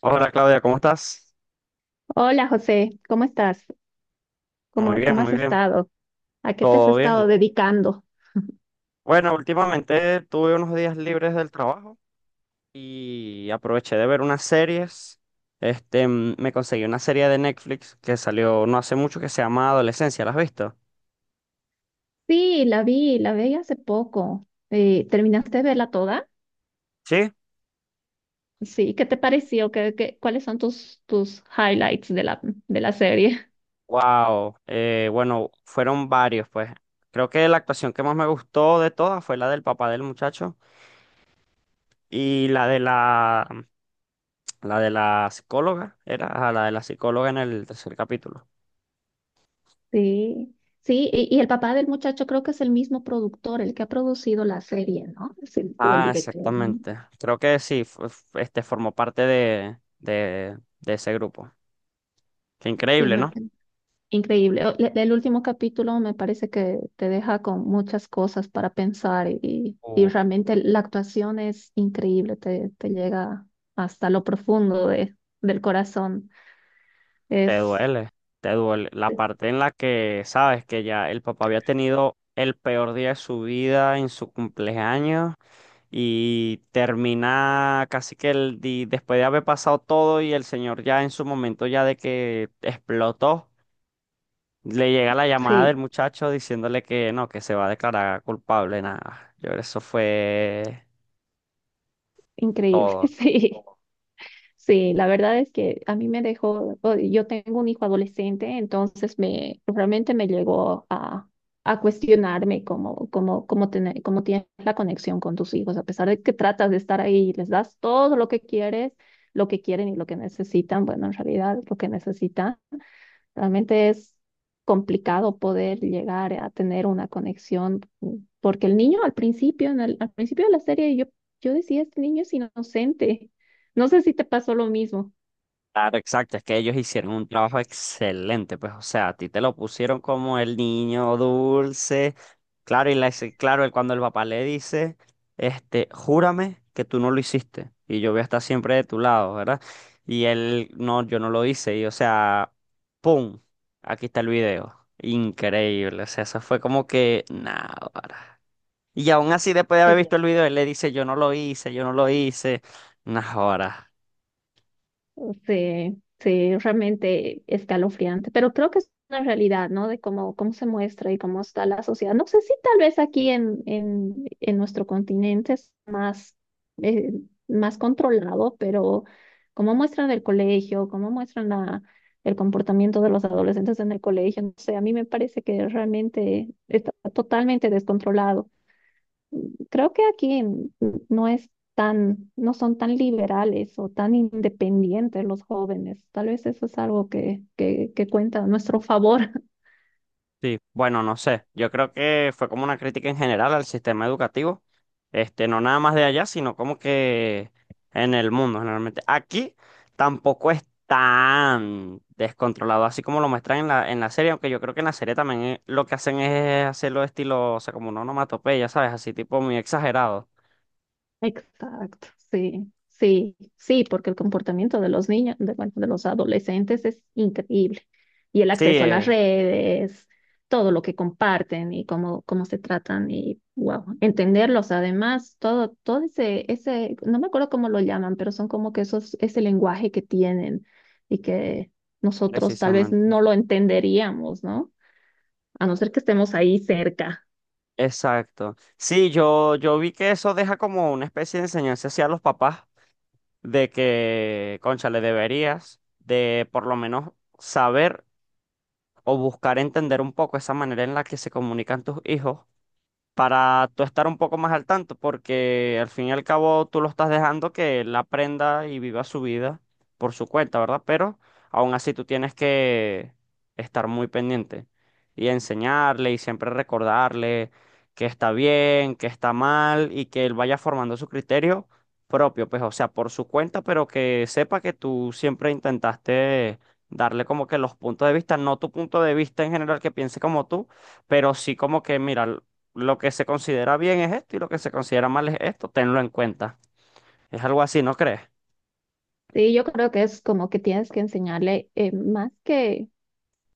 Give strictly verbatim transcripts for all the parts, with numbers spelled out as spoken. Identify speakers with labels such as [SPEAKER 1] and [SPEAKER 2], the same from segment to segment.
[SPEAKER 1] Hola Claudia, ¿cómo estás?
[SPEAKER 2] Hola José, ¿cómo estás?
[SPEAKER 1] Muy
[SPEAKER 2] ¿Cómo, cómo
[SPEAKER 1] bien,
[SPEAKER 2] has
[SPEAKER 1] muy bien,
[SPEAKER 2] estado? ¿A qué te has
[SPEAKER 1] todo bien.
[SPEAKER 2] estado dedicando?
[SPEAKER 1] Bueno, últimamente tuve unos días libres del trabajo y aproveché de ver unas series. Este, mm, me conseguí una serie de Netflix que salió no hace mucho que se llama Adolescencia, ¿la has visto?
[SPEAKER 2] Sí, la vi, la vi hace poco. Eh, ¿terminaste de verla toda?
[SPEAKER 1] Sí.
[SPEAKER 2] Sí, ¿qué te pareció? ¿Qué, qué- ¿cuáles son tus, tus highlights de la, de la serie?
[SPEAKER 1] Wow. Eh, bueno, fueron varios, pues. Creo que la actuación que más me gustó de todas fue la del papá del muchacho y la de la, la de la psicóloga, era ajá, la de la psicóloga en el tercer capítulo.
[SPEAKER 2] Sí, sí, y, y el papá del muchacho creo que es el mismo productor, el que ha producido la serie, ¿no? Es el- o el
[SPEAKER 1] Ah,
[SPEAKER 2] director.
[SPEAKER 1] exactamente. Creo que sí, f- f- este formó parte de, de, de ese grupo. Qué
[SPEAKER 2] Sí,
[SPEAKER 1] increíble,
[SPEAKER 2] me,
[SPEAKER 1] ¿no?
[SPEAKER 2] Increíble. O- le- El último capítulo me parece que te deja con muchas cosas para pensar y, y
[SPEAKER 1] Uh,
[SPEAKER 2] realmente la actuación es increíble, te, te llega hasta lo profundo de, del corazón.
[SPEAKER 1] Te
[SPEAKER 2] Es,
[SPEAKER 1] duele, te duele. La parte en la que sabes que ya el papá había tenido el peor día de su vida en su cumpleaños y termina casi que el di- después de haber pasado todo y el señor ya en su momento ya de que explotó. Le llega la llamada
[SPEAKER 2] sí,
[SPEAKER 1] del muchacho diciéndole que no, que se va a declarar culpable, nada. Yo, creo que eso fue
[SPEAKER 2] increíble,
[SPEAKER 1] todo.
[SPEAKER 2] sí. Sí, la verdad es que a mí me dejó, o- yo tengo un hijo adolescente, entonces me realmente me llegó a, a cuestionarme cómo, cómo, cómo, tener, cómo tienes la conexión con tus hijos, a pesar de que tratas de estar ahí y les das todo lo que quieres, lo que quieren y lo que necesitan, bueno, en realidad lo que necesitan. Realmente es complicado poder llegar a tener una conexión, mm, porque el niño al principio, en el- al principio de la serie, yo, yo decía, este niño es inocente. No sé si te pasó lo mismo.
[SPEAKER 1] Claro, exacto, es que ellos hicieron un trabajo excelente, pues, o sea, a ti te lo pusieron como el niño dulce. Claro, y la- claro, el- cuando el papá le dice, este, júrame que tú no lo hiciste y yo voy a estar siempre de tu lado, ¿verdad? Y él, no, yo no lo hice, y o sea, ¡pum! Aquí está el video. Increíble, o sea, eso fue como que, nada. Y aún así, después de haber
[SPEAKER 2] Es,
[SPEAKER 1] visto el video, él le dice, yo no lo hice, yo no lo hice. Unas horas.
[SPEAKER 2] Sí, sí, realmente escalofriante, pero creo que es una realidad, ¿no? De cómo, cómo se muestra y cómo está la sociedad. No sé si tal vez aquí en, en, en nuestro continente es más, eh, más controlado, pero cómo muestran el colegio, cómo muestran la, el comportamiento de los adolescentes en el colegio, no sé, a mí me parece que realmente está totalmente descontrolado. Creo que aquí en- no es tan, no son tan liberales o tan independientes los jóvenes. Tal vez eso es algo que, que, que cuenta a nuestro favor.
[SPEAKER 1] Sí, bueno, no sé. Yo creo que fue como una crítica en general al sistema educativo. Este, no nada más de allá, sino como que en el mundo, generalmente. Aquí tampoco es tan descontrolado, así como lo muestran en la, en la serie, aunque yo creo que en la serie también eh, lo que hacen es hacerlo estilo, o sea, como una onomatopeya, ¿sabes? Así tipo muy exagerado.
[SPEAKER 2] Exacto, sí, sí, sí, porque el comportamiento de los niños, de, bueno, de los adolescentes es increíble. Y el
[SPEAKER 1] Sí,
[SPEAKER 2] acceso a las
[SPEAKER 1] eh,
[SPEAKER 2] redes, todo lo que comparten y cómo, cómo se tratan y, wow, entenderlos además, todo, todo ese, ese, no me acuerdo cómo lo llaman, pero son como que esos, ese lenguaje que tienen y que nosotros tal vez
[SPEAKER 1] precisamente.
[SPEAKER 2] no lo entenderíamos, ¿no? A no ser que estemos ahí cerca.
[SPEAKER 1] Exacto. Sí, yo, yo vi que eso deja como una especie de enseñanza hacia los papás de que, concha, le deberías de por lo menos saber o buscar entender un poco esa manera en la que se comunican tus hijos para tú estar un poco más al tanto, porque al fin y al cabo tú lo estás dejando que él aprenda y viva su vida por su cuenta, ¿verdad? Pero aún así tú tienes que estar muy pendiente y enseñarle y siempre recordarle que está bien, que está mal y que él vaya formando su criterio propio, pues o sea, por su cuenta, pero que sepa que tú siempre intentaste darle como que los puntos de vista, no tu punto de vista en general que piense como tú, pero sí como que, mira, lo que se considera bien es esto y lo que se considera mal es esto, tenlo en cuenta. Es algo así, ¿no crees?
[SPEAKER 2] Sí, yo creo que es como que tienes que enseñarle, eh, más que,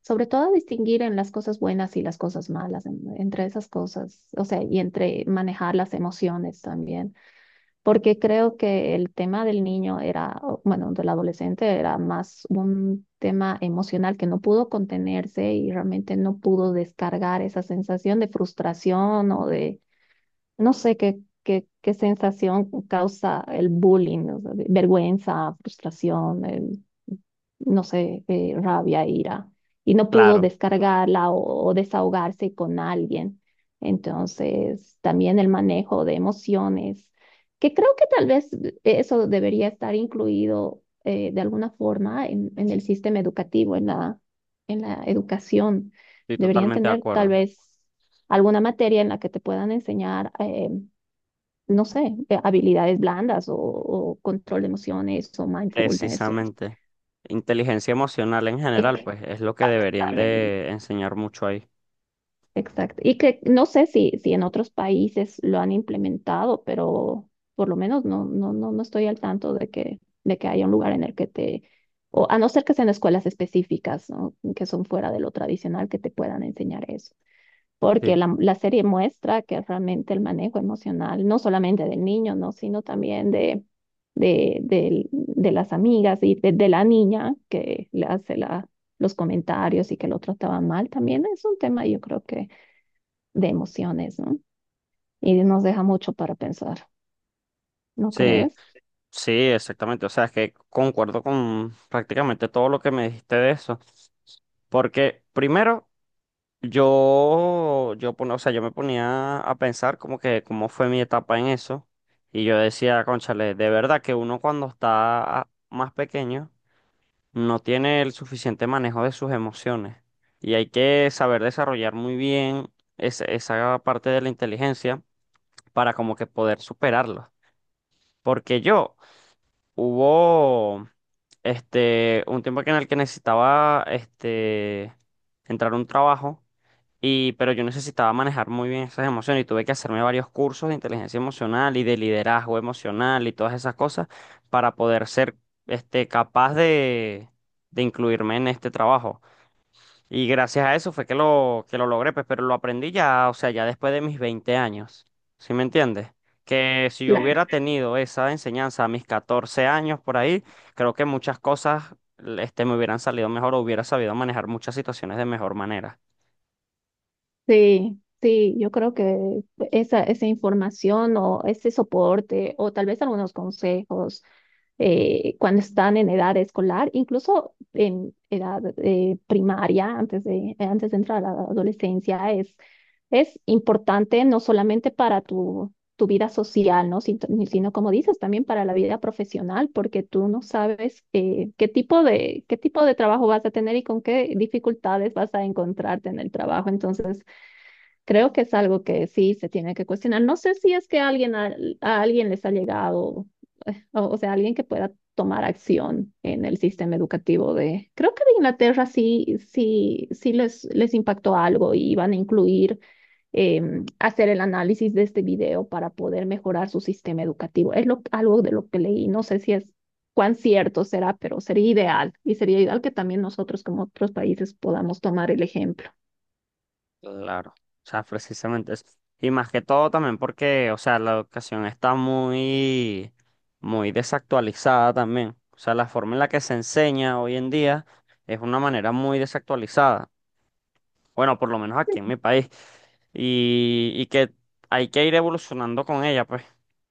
[SPEAKER 2] sobre todo, a distinguir en las cosas buenas y las cosas malas, en- entre esas cosas, o sea, y entre manejar las emociones también, porque creo que el tema del niño era, o, bueno, del adolescente era más un tema emocional que no pudo contenerse y realmente no pudo descargar esa sensación de frustración o de no sé qué, qué, qué sensación causa el bullying, o sea, de- vergüenza, frustración, el- no sé, eh, rabia, ira, y no pudo
[SPEAKER 1] Claro,
[SPEAKER 2] descargarla o, o desahogarse con alguien. Entonces, también el manejo de emociones, que creo que tal vez eso debería estar incluido, eh, de alguna forma en, en el sistema educativo, en la, en la educación.
[SPEAKER 1] estoy
[SPEAKER 2] Deberían
[SPEAKER 1] totalmente de
[SPEAKER 2] tener tal
[SPEAKER 1] acuerdo.
[SPEAKER 2] vez alguna materia en la que te puedan enseñar, eh, no sé, eh, habilidades blandas o, o control de emociones o mindfulness. o-
[SPEAKER 1] Precisamente. Inteligencia emocional en general, pues es lo que deberían
[SPEAKER 2] Exactamente,
[SPEAKER 1] de enseñar mucho ahí.
[SPEAKER 2] exacto. Y que no sé si, si en otros países lo han implementado, pero por lo menos no, no, no, no estoy al tanto de que, de que haya un lugar en el que te, o a no ser que sean escuelas específicas, ¿no?, que son fuera de lo tradicional, que te puedan enseñar eso. Porque
[SPEAKER 1] Sí,
[SPEAKER 2] la, la serie muestra que realmente el manejo emocional, no solamente del niño, ¿no?, sino también de, de, del- de las amigas y de, de la niña que le hace la, los comentarios y que lo trataba mal, también es un tema, yo creo que, de emociones, ¿no? Y nos deja mucho para pensar, ¿no
[SPEAKER 1] sí,
[SPEAKER 2] crees?
[SPEAKER 1] sí, exactamente. O sea, es que concuerdo con prácticamente todo lo que me dijiste de eso. Porque primero... Yo, yo, pon- o sea, yo me ponía a pensar como que cómo fue mi etapa en eso. Y yo decía, cónchale, de verdad que uno cuando está más pequeño no tiene el suficiente manejo de sus emociones. Y hay que saber desarrollar muy bien esa, esa parte de la inteligencia para como que poder superarlo. Porque yo hubo este un tiempo que en el que necesitaba este entrar a un trabajo y, pero yo necesitaba manejar muy bien esas emociones y tuve que hacerme varios cursos de inteligencia emocional y de liderazgo emocional y todas esas cosas para poder ser este, capaz de, de incluirme en este trabajo. Y gracias a eso fue que lo, que lo logré, pues, pero lo aprendí ya, o sea, ya después de mis veinte años. ¿Sí me entiendes? Que si yo
[SPEAKER 2] Claro.
[SPEAKER 1] hubiera tenido esa enseñanza a mis catorce años por ahí, creo que muchas cosas este, me hubieran salido mejor o hubiera sabido manejar muchas situaciones de mejor manera.
[SPEAKER 2] Sí, sí, yo creo que esa, esa información o ese soporte o tal vez algunos consejos, eh, cuando están en edad escolar, incluso en edad, eh, primaria, antes de, antes de entrar a la adolescencia, es, es importante no solamente para tu, tu vida social, ¿no? Sin- Sino, como dices, también para la vida profesional, porque tú no sabes, eh, qué tipo de, qué tipo de trabajo vas a tener y con qué dificultades vas a encontrarte en el trabajo. Entonces, creo que es algo que sí se tiene que cuestionar. No sé si es que alguien a, a alguien les ha llegado, eh, o, o sea, alguien que pueda tomar acción en el sistema educativo de, creo que de Inglaterra, sí, sí, sí les, les impactó algo y van a incluir, em, hacer el análisis de este video para poder mejorar su sistema educativo. Es lo, algo de lo que leí. No sé si es cuán cierto será, pero sería ideal y sería ideal que también nosotros como otros países podamos tomar el ejemplo.
[SPEAKER 1] Claro, o sea, precisamente eso. Y más que todo también porque, o sea, la educación está muy, muy desactualizada también. O sea, la forma en la que se enseña hoy en día es una manera muy desactualizada. Bueno, por lo menos aquí en mi país. Y, y que hay que ir evolucionando con ella, pues.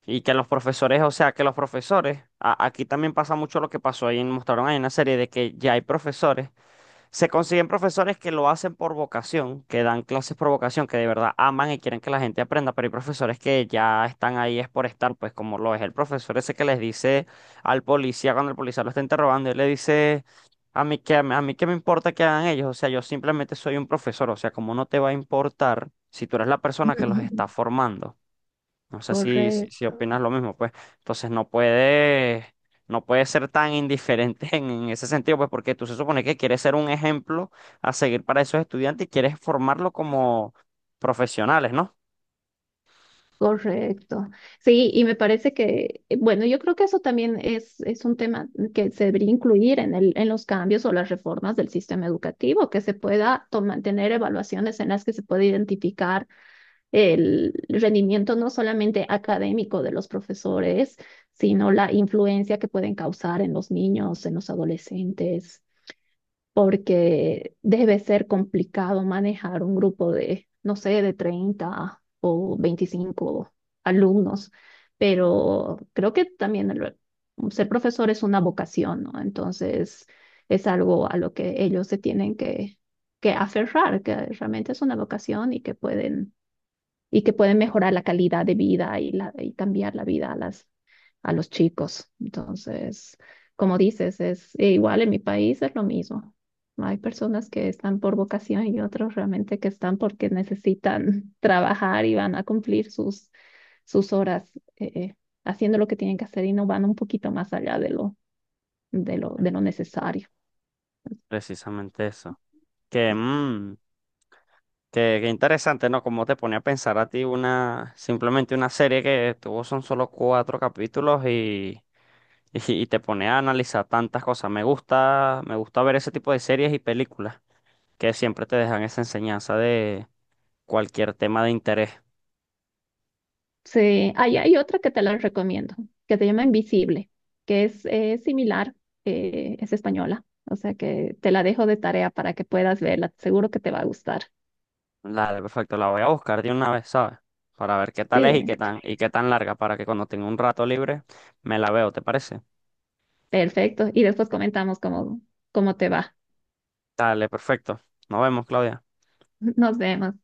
[SPEAKER 1] Y que los profesores, o sea, que los profesores, a- aquí también pasa mucho lo que pasó ahí, mostraron ahí una serie de que ya hay profesores se consiguen profesores que lo hacen por vocación, que dan clases por vocación, que de verdad aman y quieren que la gente aprenda, pero hay profesores que ya están ahí es por estar, pues como lo es el profesor ese que les dice al policía cuando el policía lo está interrogando, él le dice, a mí qué, a mí qué me importa que hagan ellos, o sea, yo simplemente soy un profesor, o sea, como no te va a importar si tú eres la persona que los está formando? No sé si, si, si
[SPEAKER 2] Correcto,
[SPEAKER 1] opinas lo mismo, pues. Entonces no puede, no puede ser tan indiferente en, en ese sentido, pues, porque tú se supone que quieres ser un ejemplo a seguir para esos estudiantes y quieres formarlo como profesionales, ¿no?
[SPEAKER 2] correcto. Sí, y me parece que, eh, bueno, yo creo que eso también es, es un tema que se debería incluir en el, en los cambios o las reformas del sistema educativo, que se pueda toma- tener evaluaciones en las que se pueda identificar el rendimiento no solamente académico de los profesores, sino la influencia que pueden causar en los niños, en los adolescentes. Porque debe ser complicado manejar un grupo de, no sé, de treinta o veinticinco alumnos, pero creo que también el- ser profesor es una vocación, ¿no? Entonces es algo a lo que ellos se tienen que, que aferrar, que realmente es una vocación y que pueden y que pueden mejorar la calidad de vida y, la, y cambiar la vida a, las, a los chicos. Entonces, como dices, es e igual en mi país es lo mismo. Hay personas que están por vocación y otros realmente que están porque necesitan trabajar y van a cumplir sus, sus horas, eh, eh, haciendo lo que tienen que hacer y no van un poquito más allá de lo, de lo, de lo necesario.
[SPEAKER 1] Precisamente eso. Que, mm, que, que interesante, ¿no? Como te pone a pensar a ti una, simplemente una serie que tuvo son solo cuatro capítulos y, y, y te pone a analizar tantas cosas. Me gusta, me gusta ver ese tipo de series y películas que siempre te dejan esa enseñanza de cualquier tema de interés.
[SPEAKER 2] Sí, ahí hay otra que te la recomiendo, que se llama Invisible, que es, eh, similar, eh, es española, o sea que te la dejo de tarea para que puedas verla, seguro que te va a gustar.
[SPEAKER 1] Dale, perfecto, la voy a buscar de una vez, ¿sabes? Para ver qué
[SPEAKER 2] Sí,
[SPEAKER 1] tal es y qué tan, y qué tan larga, para que cuando tenga un rato libre me la veo, ¿te parece?
[SPEAKER 2] perfecto. Y después comentamos cómo, cómo te va.
[SPEAKER 1] Dale, perfecto. Nos vemos, Claudia.
[SPEAKER 2] Nos vemos.